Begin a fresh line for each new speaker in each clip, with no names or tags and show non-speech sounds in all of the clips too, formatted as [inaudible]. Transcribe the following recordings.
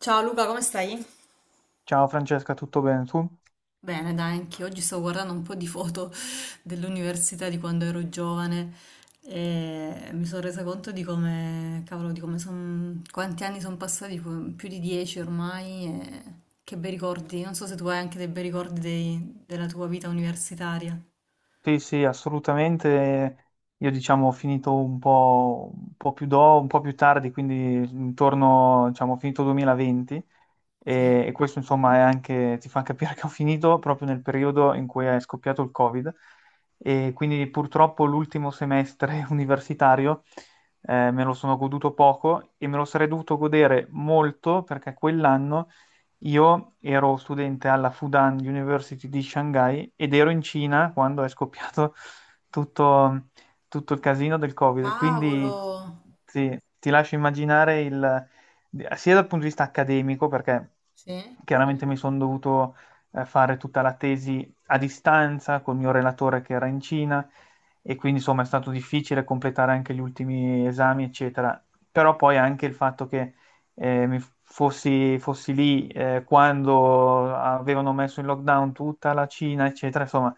Ciao Luca, come stai?
Ciao Francesca, tutto bene tu?
Bene, dai, anche oggi stavo guardando un po' di foto [laughs] dell'università di quando ero giovane e mi sono resa conto di come, cavolo, quanti anni sono passati, più di 10 ormai, e che bei ricordi. Non so se tu hai anche dei bei ricordi della tua vita universitaria.
Sì, sì, assolutamente. Io diciamo ho finito un po', un po' più tardi, quindi intorno, diciamo, ho finito 2020.
Sì.
E questo insomma è anche, ti fa capire [laughs] che ho finito proprio nel periodo in cui è scoppiato il Covid, e quindi purtroppo l'ultimo semestre [laughs] universitario me lo sono goduto poco e me lo sarei dovuto godere molto, perché quell'anno io ero studente alla Fudan University di Shanghai ed ero in Cina quando è scoppiato [laughs] tutto, il casino del Covid. Quindi
Cavolo!
sì, ti lascio immaginare il, sia dal punto di vista accademico, perché
Sì?
chiaramente mi sono dovuto fare tutta la tesi a distanza col mio relatore che era in Cina, e quindi insomma è stato difficile completare anche gli ultimi esami, eccetera. Però poi anche il fatto che fossi lì quando avevano messo in lockdown tutta la Cina, eccetera. Insomma,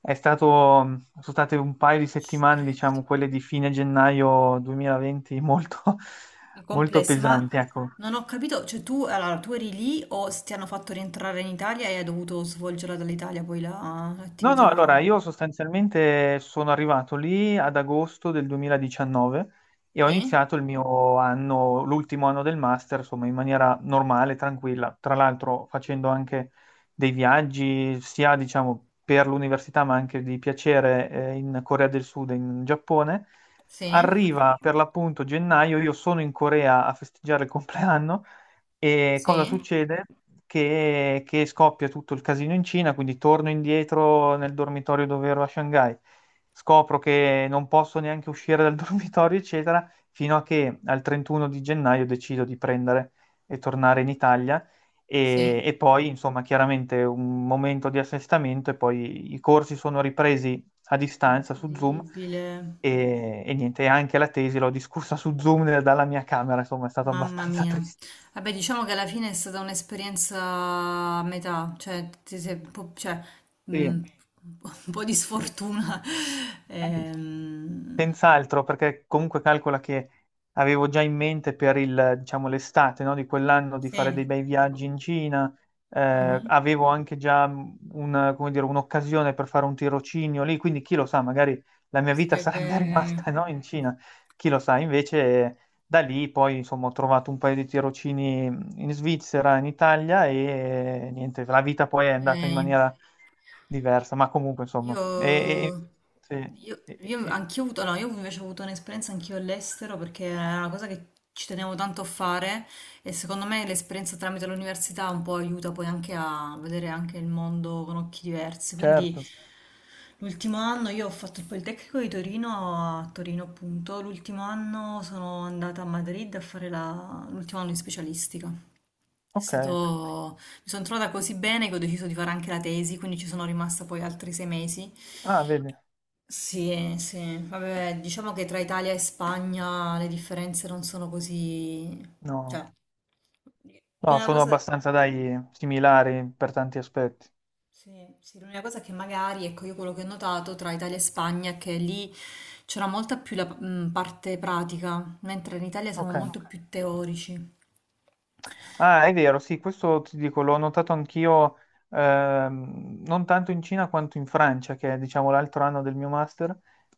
è stato, sono state un paio di
Ci
settimane,
credo.
diciamo, quelle di fine gennaio 2020, molto,
I
[laughs] molto
complessi, ma
pesanti, ecco.
non ho capito, cioè tu, allora, tu eri lì o ti hanno fatto rientrare in Italia e hai dovuto svolgerla dall'Italia poi
No, no,
l'attività?
allora io sostanzialmente sono arrivato lì ad agosto del 2019 e ho
Sì,
iniziato il mio anno, l'ultimo anno del master, insomma, in maniera normale, tranquilla. Tra l'altro facendo anche dei viaggi, sia diciamo per l'università, ma anche di piacere, in Corea del Sud e in Giappone.
sì,
Arriva per l'appunto gennaio, io sono in Corea a festeggiare il compleanno, e cosa
sì,
succede? Che scoppia tutto il casino in Cina, quindi torno indietro nel dormitorio dove ero a Shanghai, scopro che non posso neanche uscire dal [laughs] dormitorio, eccetera, fino a che al 31 di gennaio decido di prendere e tornare in Italia. E,
sì.
e poi, insomma, chiaramente un momento di assestamento, e poi i corsi sono ripresi a distanza su Zoom
Incredibile,
e niente, e anche la tesi l'ho discussa su Zoom dalla mia camera, insomma, è stato
mamma
abbastanza [laughs]
mia.
triste.
Vabbè, diciamo che alla fine è stata un'esperienza a metà, cioè, ti sei un po', cioè,
Sì,
mm, un po' di
sì.
sfortuna. [laughs] Ehm,
Senz'altro, perché comunque calcola che avevo già in mente per il, diciamo, l'estate, no, di quell'anno di fare dei
sì,
bei viaggi in Cina,
mhm.
avevo anche già come dire, un'occasione per fare un tirocinio lì, quindi chi lo sa, magari la mia vita
Sarebbe.
sarebbe [laughs] rimasta, no, in Cina, chi lo sa, invece da lì poi insomma ho trovato un paio di tirocini in Svizzera, in Italia, e niente, la vita poi è
Ok.
andata in maniera diversa, ma comunque
Io,
insomma. Sì, e-
io
e-
anch'io ho avuto, no, io invece ho avuto un'esperienza anch'io all'estero perché era una cosa che ci tenevo tanto a fare e secondo me l'esperienza tramite l'università un po' aiuta poi anche a vedere anche il mondo con occhi diversi. Quindi
certo,
l'ultimo anno io ho fatto il Politecnico di Torino a Torino appunto, l'ultimo anno sono andata a Madrid a fare l'ultimo anno di specialistica. È
ok.
stato. Mi sono trovata così bene che ho deciso di fare anche la tesi, quindi ci sono rimasta poi altri 6 mesi.
Ah, vedi,
Sì, sì, vabbè, diciamo che tra Italia e Spagna le differenze non sono così.
no,
Cioè,
no,
l'unica
sono
cosa.
abbastanza, dai, similari per tanti aspetti.
Sì, sì, l'unica cosa che magari, ecco, io quello che ho notato tra Italia e Spagna è che lì c'era molta più la parte pratica, mentre in Italia siamo
Ok.
molto più teorici.
Ah, è vero, sì, questo ti dico, l'ho notato anch'io, non tanto in Cina quanto in Francia, che è, diciamo, l'altro anno del mio master.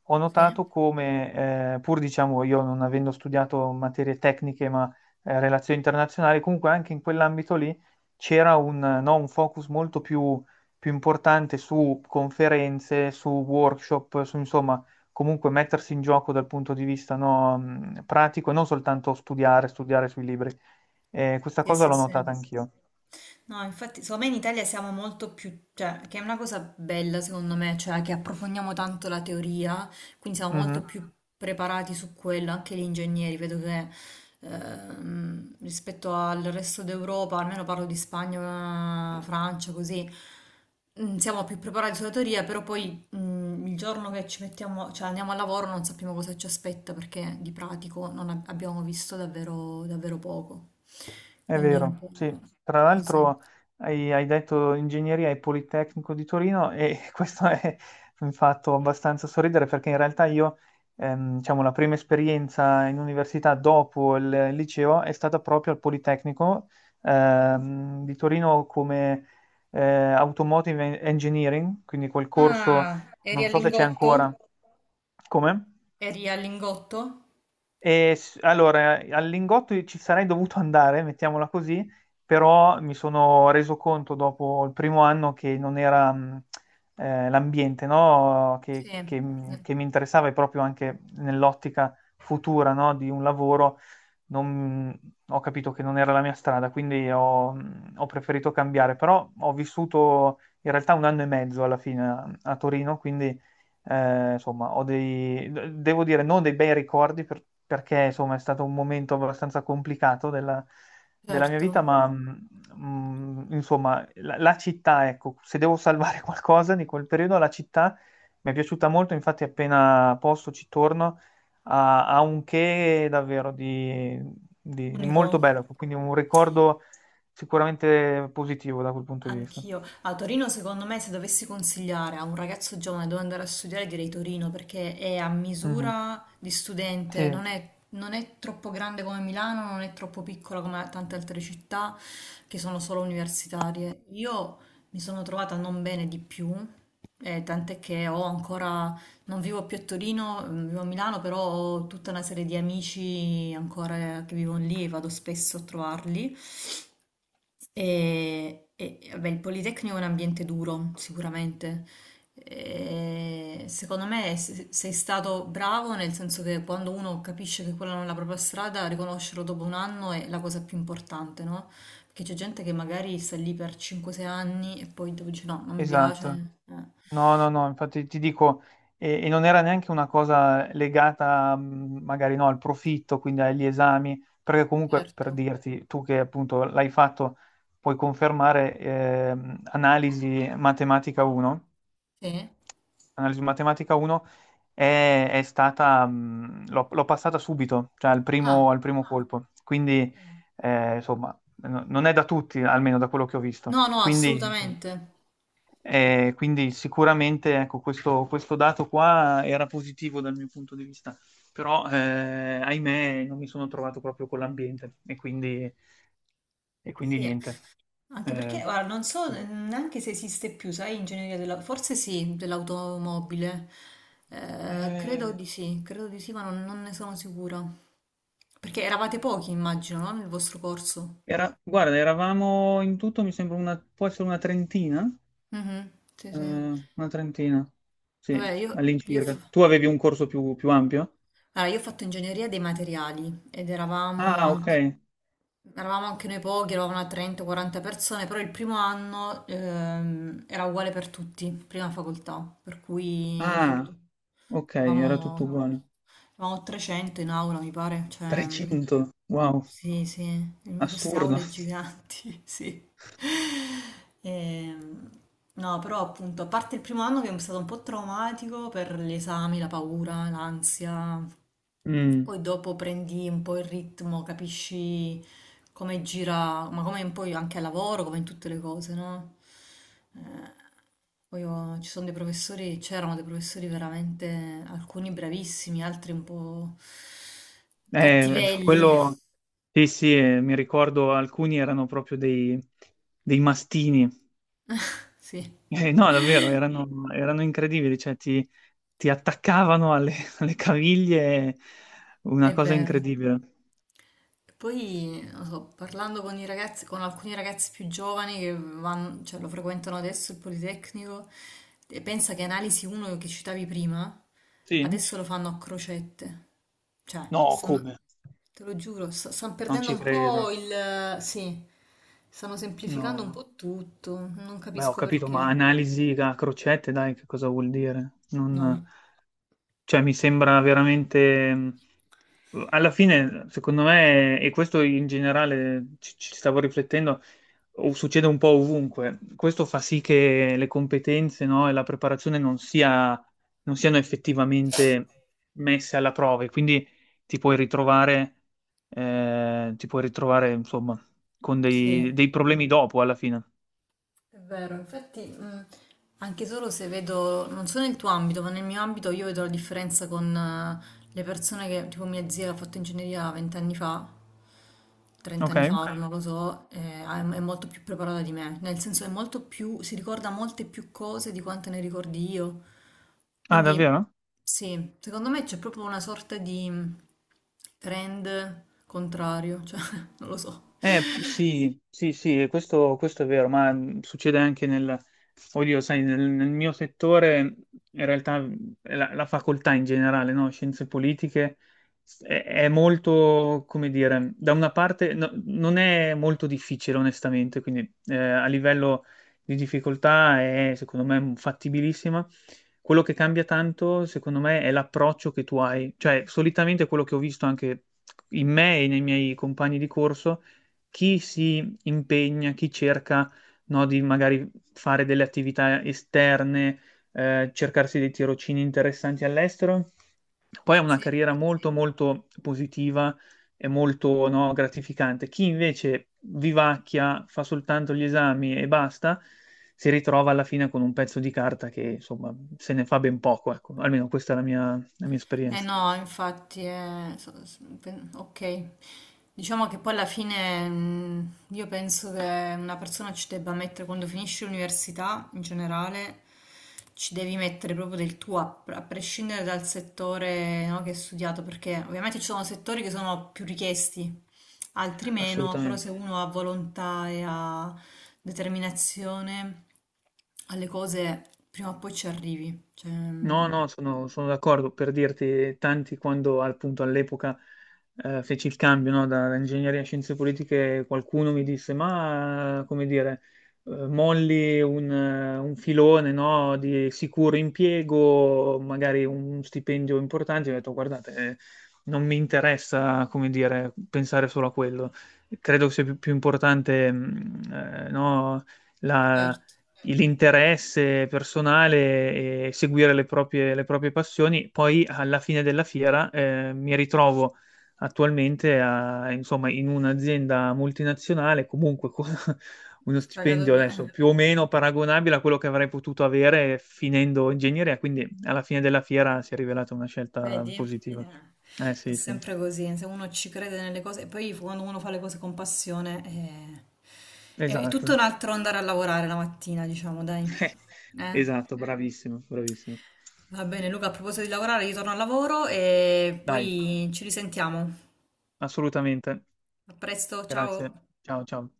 Ho
Sì,
notato come, pur diciamo io non avendo studiato materie tecniche, ma relazioni internazionali, comunque anche in quell'ambito lì c'era un, no, un focus molto più importante su conferenze, su workshop, su insomma, comunque mettersi in gioco dal punto di vista, no, pratico, e non soltanto studiare, studiare sui libri. Questa
sì,
cosa
sì.
l'ho notata
Sì.
anch'io.
No, infatti, secondo me in Italia siamo molto più, cioè, che è una cosa bella secondo me, cioè che approfondiamo tanto la teoria, quindi siamo molto
Mhm.
più preparati su quello, anche gli ingegneri, vedo che rispetto al resto d'Europa, almeno parlo di Spagna, Francia, così, siamo più preparati sulla teoria, però poi il giorno che ci mettiamo, cioè andiamo al lavoro non sappiamo cosa ci aspetta perché di pratico non abbiamo visto davvero, davvero poco,
È
quindi è un
vero,
po'
sì. Tra
così.
l'altro hai detto ingegneria e Politecnico di Torino, e [laughs] questo è un fatto abbastanza sorridere, perché in realtà io, diciamo, la prima esperienza in università dopo il liceo è stata proprio al Politecnico di Torino, come Automotive Engineering, quindi quel corso,
Ah, eri
non
al
so se c'è
Lingotto?
ancora. Come?
Eri al Lingotto?
Allora, al Lingotto ci sarei dovuto andare, mettiamola così, però mi sono reso conto dopo il primo anno che non era l'ambiente, no?
Sì,
Che, che- che mi interessava, e proprio anche nell'ottica futura, no? Di un lavoro non- Ho capito che non era la mia strada, quindi ho preferito cambiare, però ho vissuto in realtà un anno e mezzo alla fine a Torino, quindi insomma ho dei, devo dire non dei bei ricordi, perché insomma è stato un momento abbastanza complicato della mia
certo.
vita, ma insomma la città, ecco, se devo salvare [laughs] qualcosa di quel periodo, la città mi è piaciuta molto, infatti appena posso ci torno. Ha un che davvero di molto
Unico.
bello, quindi un ricordo sicuramente positivo da quel punto di vista.
Anch'io. A Torino, secondo me, se dovessi consigliare a un ragazzo giovane dove andare a studiare, direi Torino perché è a
Mhm.
misura di studente,
Sì,
non è, non è troppo grande come Milano, non è troppo piccola come tante altre città che sono solo universitarie. Io mi sono trovata non bene di più, tant'è che ho ancora, non vivo più a Torino, vivo a Milano, però ho tutta una serie di amici ancora che vivono lì e vado spesso a trovarli. Vabbè, il Politecnico è un ambiente duro, sicuramente. E secondo me sei stato bravo nel senso che quando uno capisce che quella non è la propria strada, riconoscerlo dopo un anno è la cosa più importante, no? Perché c'è gente che magari sta lì per 5-6 anni e poi dopo dice no, non mi piace.
esatto. No, no, no, infatti ti dico, e non era neanche una cosa legata magari, no, al profitto, quindi agli esami, perché comunque
Certo.
per dirti, tu che appunto l'hai fatto, puoi confermare, analisi matematica 1
Sì?
analisi matematica 1 è stata, l'ho passata subito, cioè al
Ah,
primo, al primo colpo. Quindi, insomma, non è da tutti, almeno da quello che ho visto.
no, no,
Quindi,
assolutamente.
sicuramente, ecco, questo dato qua era positivo dal mio punto di vista, però, ahimè, non mi sono trovato proprio con l'ambiente, e quindi
Sì.
niente.
Anche
Eh,
perché, guarda, non so neanche se esiste più, sai, ingegneria forse sì, dell'automobile.
eh,
Credo di sì, ma non ne sono sicura. Perché eravate pochi, immagino, no? Nel vostro corso.
Guarda, eravamo in tutto, può essere
Mhm, sì,
Eh,
sì.
una trentina,
Vabbè,
sì, all'incirca. Tu avevi un corso più ampio?
allora, io ho fatto ingegneria dei materiali ed eravamo
Ah, ok.
anche. Eravamo anche noi pochi, eravamo una 30-40 persone, però il primo anno era uguale per tutti, prima facoltà, per cui ricordo,
Ah, ok, era tutto
eravamo,
uguale.
eravamo 300 in aula, mi pare, cioè,
300, wow,
sì, sì, in queste
assurdo.
aule giganti, [laughs] sì. Ehm, no, però appunto, a parte il primo anno che è stato un po' traumatico per gli esami, la paura, l'ansia,
Mm.
poi dopo prendi un po' il ritmo, capisci come gira, ma come poi anche al lavoro, come in tutte le cose, no? Eh, poi ci sono dei professori, c'erano dei professori veramente, alcuni bravissimi, altri un po' cattivelli.
Quello, sì, sì, mi ricordo alcuni erano proprio dei mastini.
Sì,
No, davvero, erano incredibili, cioè, ti attaccavano alle, [laughs] alle caviglie, una
è
cosa
vero.
incredibile.
E poi, non so, parlando con i ragazzi, con alcuni ragazzi più giovani cioè, lo frequentano adesso il Politecnico, e pensa che Analisi 1 che citavi prima,
Sì?
adesso lo fanno a crocette. Cioè,
No, come?
te lo giuro, stanno
Non
perdendo
ci
un
credo.
po' il. Sì, stanno semplificando un
No,
po' tutto, non
beh, ho
capisco
capito, ma
perché.
analisi a crocette, dai, che cosa vuol dire?
No,
Cioè, mi sembra veramente. Alla fine, secondo me, e questo in generale ci stavo riflettendo, o succede un po' ovunque. Questo fa sì che le competenze, no, e la preparazione non siano effettivamente messe alla prova, e quindi ti puoi ritrovare, ti puoi ritrovare, insomma, con
sì.
dei problemi dopo alla fine.
È vero, infatti, anche solo se vedo, non so nel tuo ambito, ma nel mio ambito io vedo la differenza con le persone che, tipo mia zia che ha fatto ingegneria 20 anni fa, 30
Ok?
anni fa, ora non lo so, è molto più preparata di me, nel senso è molto più, si ricorda molte più cose di quante ne ricordi io.
Ah,
Quindi,
davvero?
sì, secondo me c'è proprio una sorta di trend contrario, cioè, [laughs] non lo so.
Sì, sì, sì, questo è vero, ma succede anche nel, oddio, sai, nel mio settore. In realtà la facoltà in generale, no? Scienze politiche, è molto, come dire, da una parte non è molto difficile, onestamente, quindi a livello di difficoltà è, secondo me, fattibilissima. Quello che cambia tanto, secondo me, è l'approccio che tu hai, cioè solitamente quello che ho visto anche in me e nei miei compagni di corso, chi si impegna, chi cerca, no, di magari fare delle attività esterne, cercarsi dei tirocini interessanti all'estero, poi è una
Sì.
carriera molto, molto positiva e molto, no, gratificante. Chi invece vivacchia, fa soltanto gli esami e basta, si ritrova alla fine con un pezzo di carta che, insomma, se ne fa ben poco, ecco. Almeno questa è la mia
Eh
esperienza.
no, infatti, ok. Diciamo che poi alla fine io penso che una persona ci debba mettere, quando finisci l'università in generale, ci devi mettere proprio del tuo, a prescindere dal settore, no, che hai studiato, perché ovviamente ci sono settori che sono più richiesti, altri meno, però
Assolutamente.
se uno ha volontà e ha determinazione alle cose, prima o poi ci arrivi. Cioè,
No, no, sono d'accordo, per dirti, tanti quando appunto all'epoca feci il cambio, no, da ingegneria a scienze politiche, qualcuno mi disse, ma come dire, molli un filone, no, di sicuro impiego, magari un stipendio importante. Io ho detto, guardate, non mi interessa, come dire, pensare solo a quello, credo sia più importante, no,
certo.
l'interesse personale, e seguire le proprie passioni. Poi alla fine della fiera mi ritrovo attualmente insomma, in un'azienda multinazionale, comunque con [laughs] uno
Pagato
stipendio
per-
adesso
eh,
più o meno paragonabile a quello che avrei potuto avere finendo ingegneria, quindi alla fine della fiera si è rivelata una scelta
vedi?
positiva.
Eh,
Eh
è
sì, sì,
sempre così, se uno ci crede nelle cose, e poi quando uno fa le cose con passione è tutto
esatto.
un altro andare a lavorare la mattina, diciamo, dai.
[laughs]
Eh?
Esatto, bravissimo, bravissimo.
Va bene, Luca, a proposito di lavorare, io torno al lavoro e
Dai,
poi ci risentiamo.
assolutamente.
A presto, ciao!
Grazie, ciao ciao.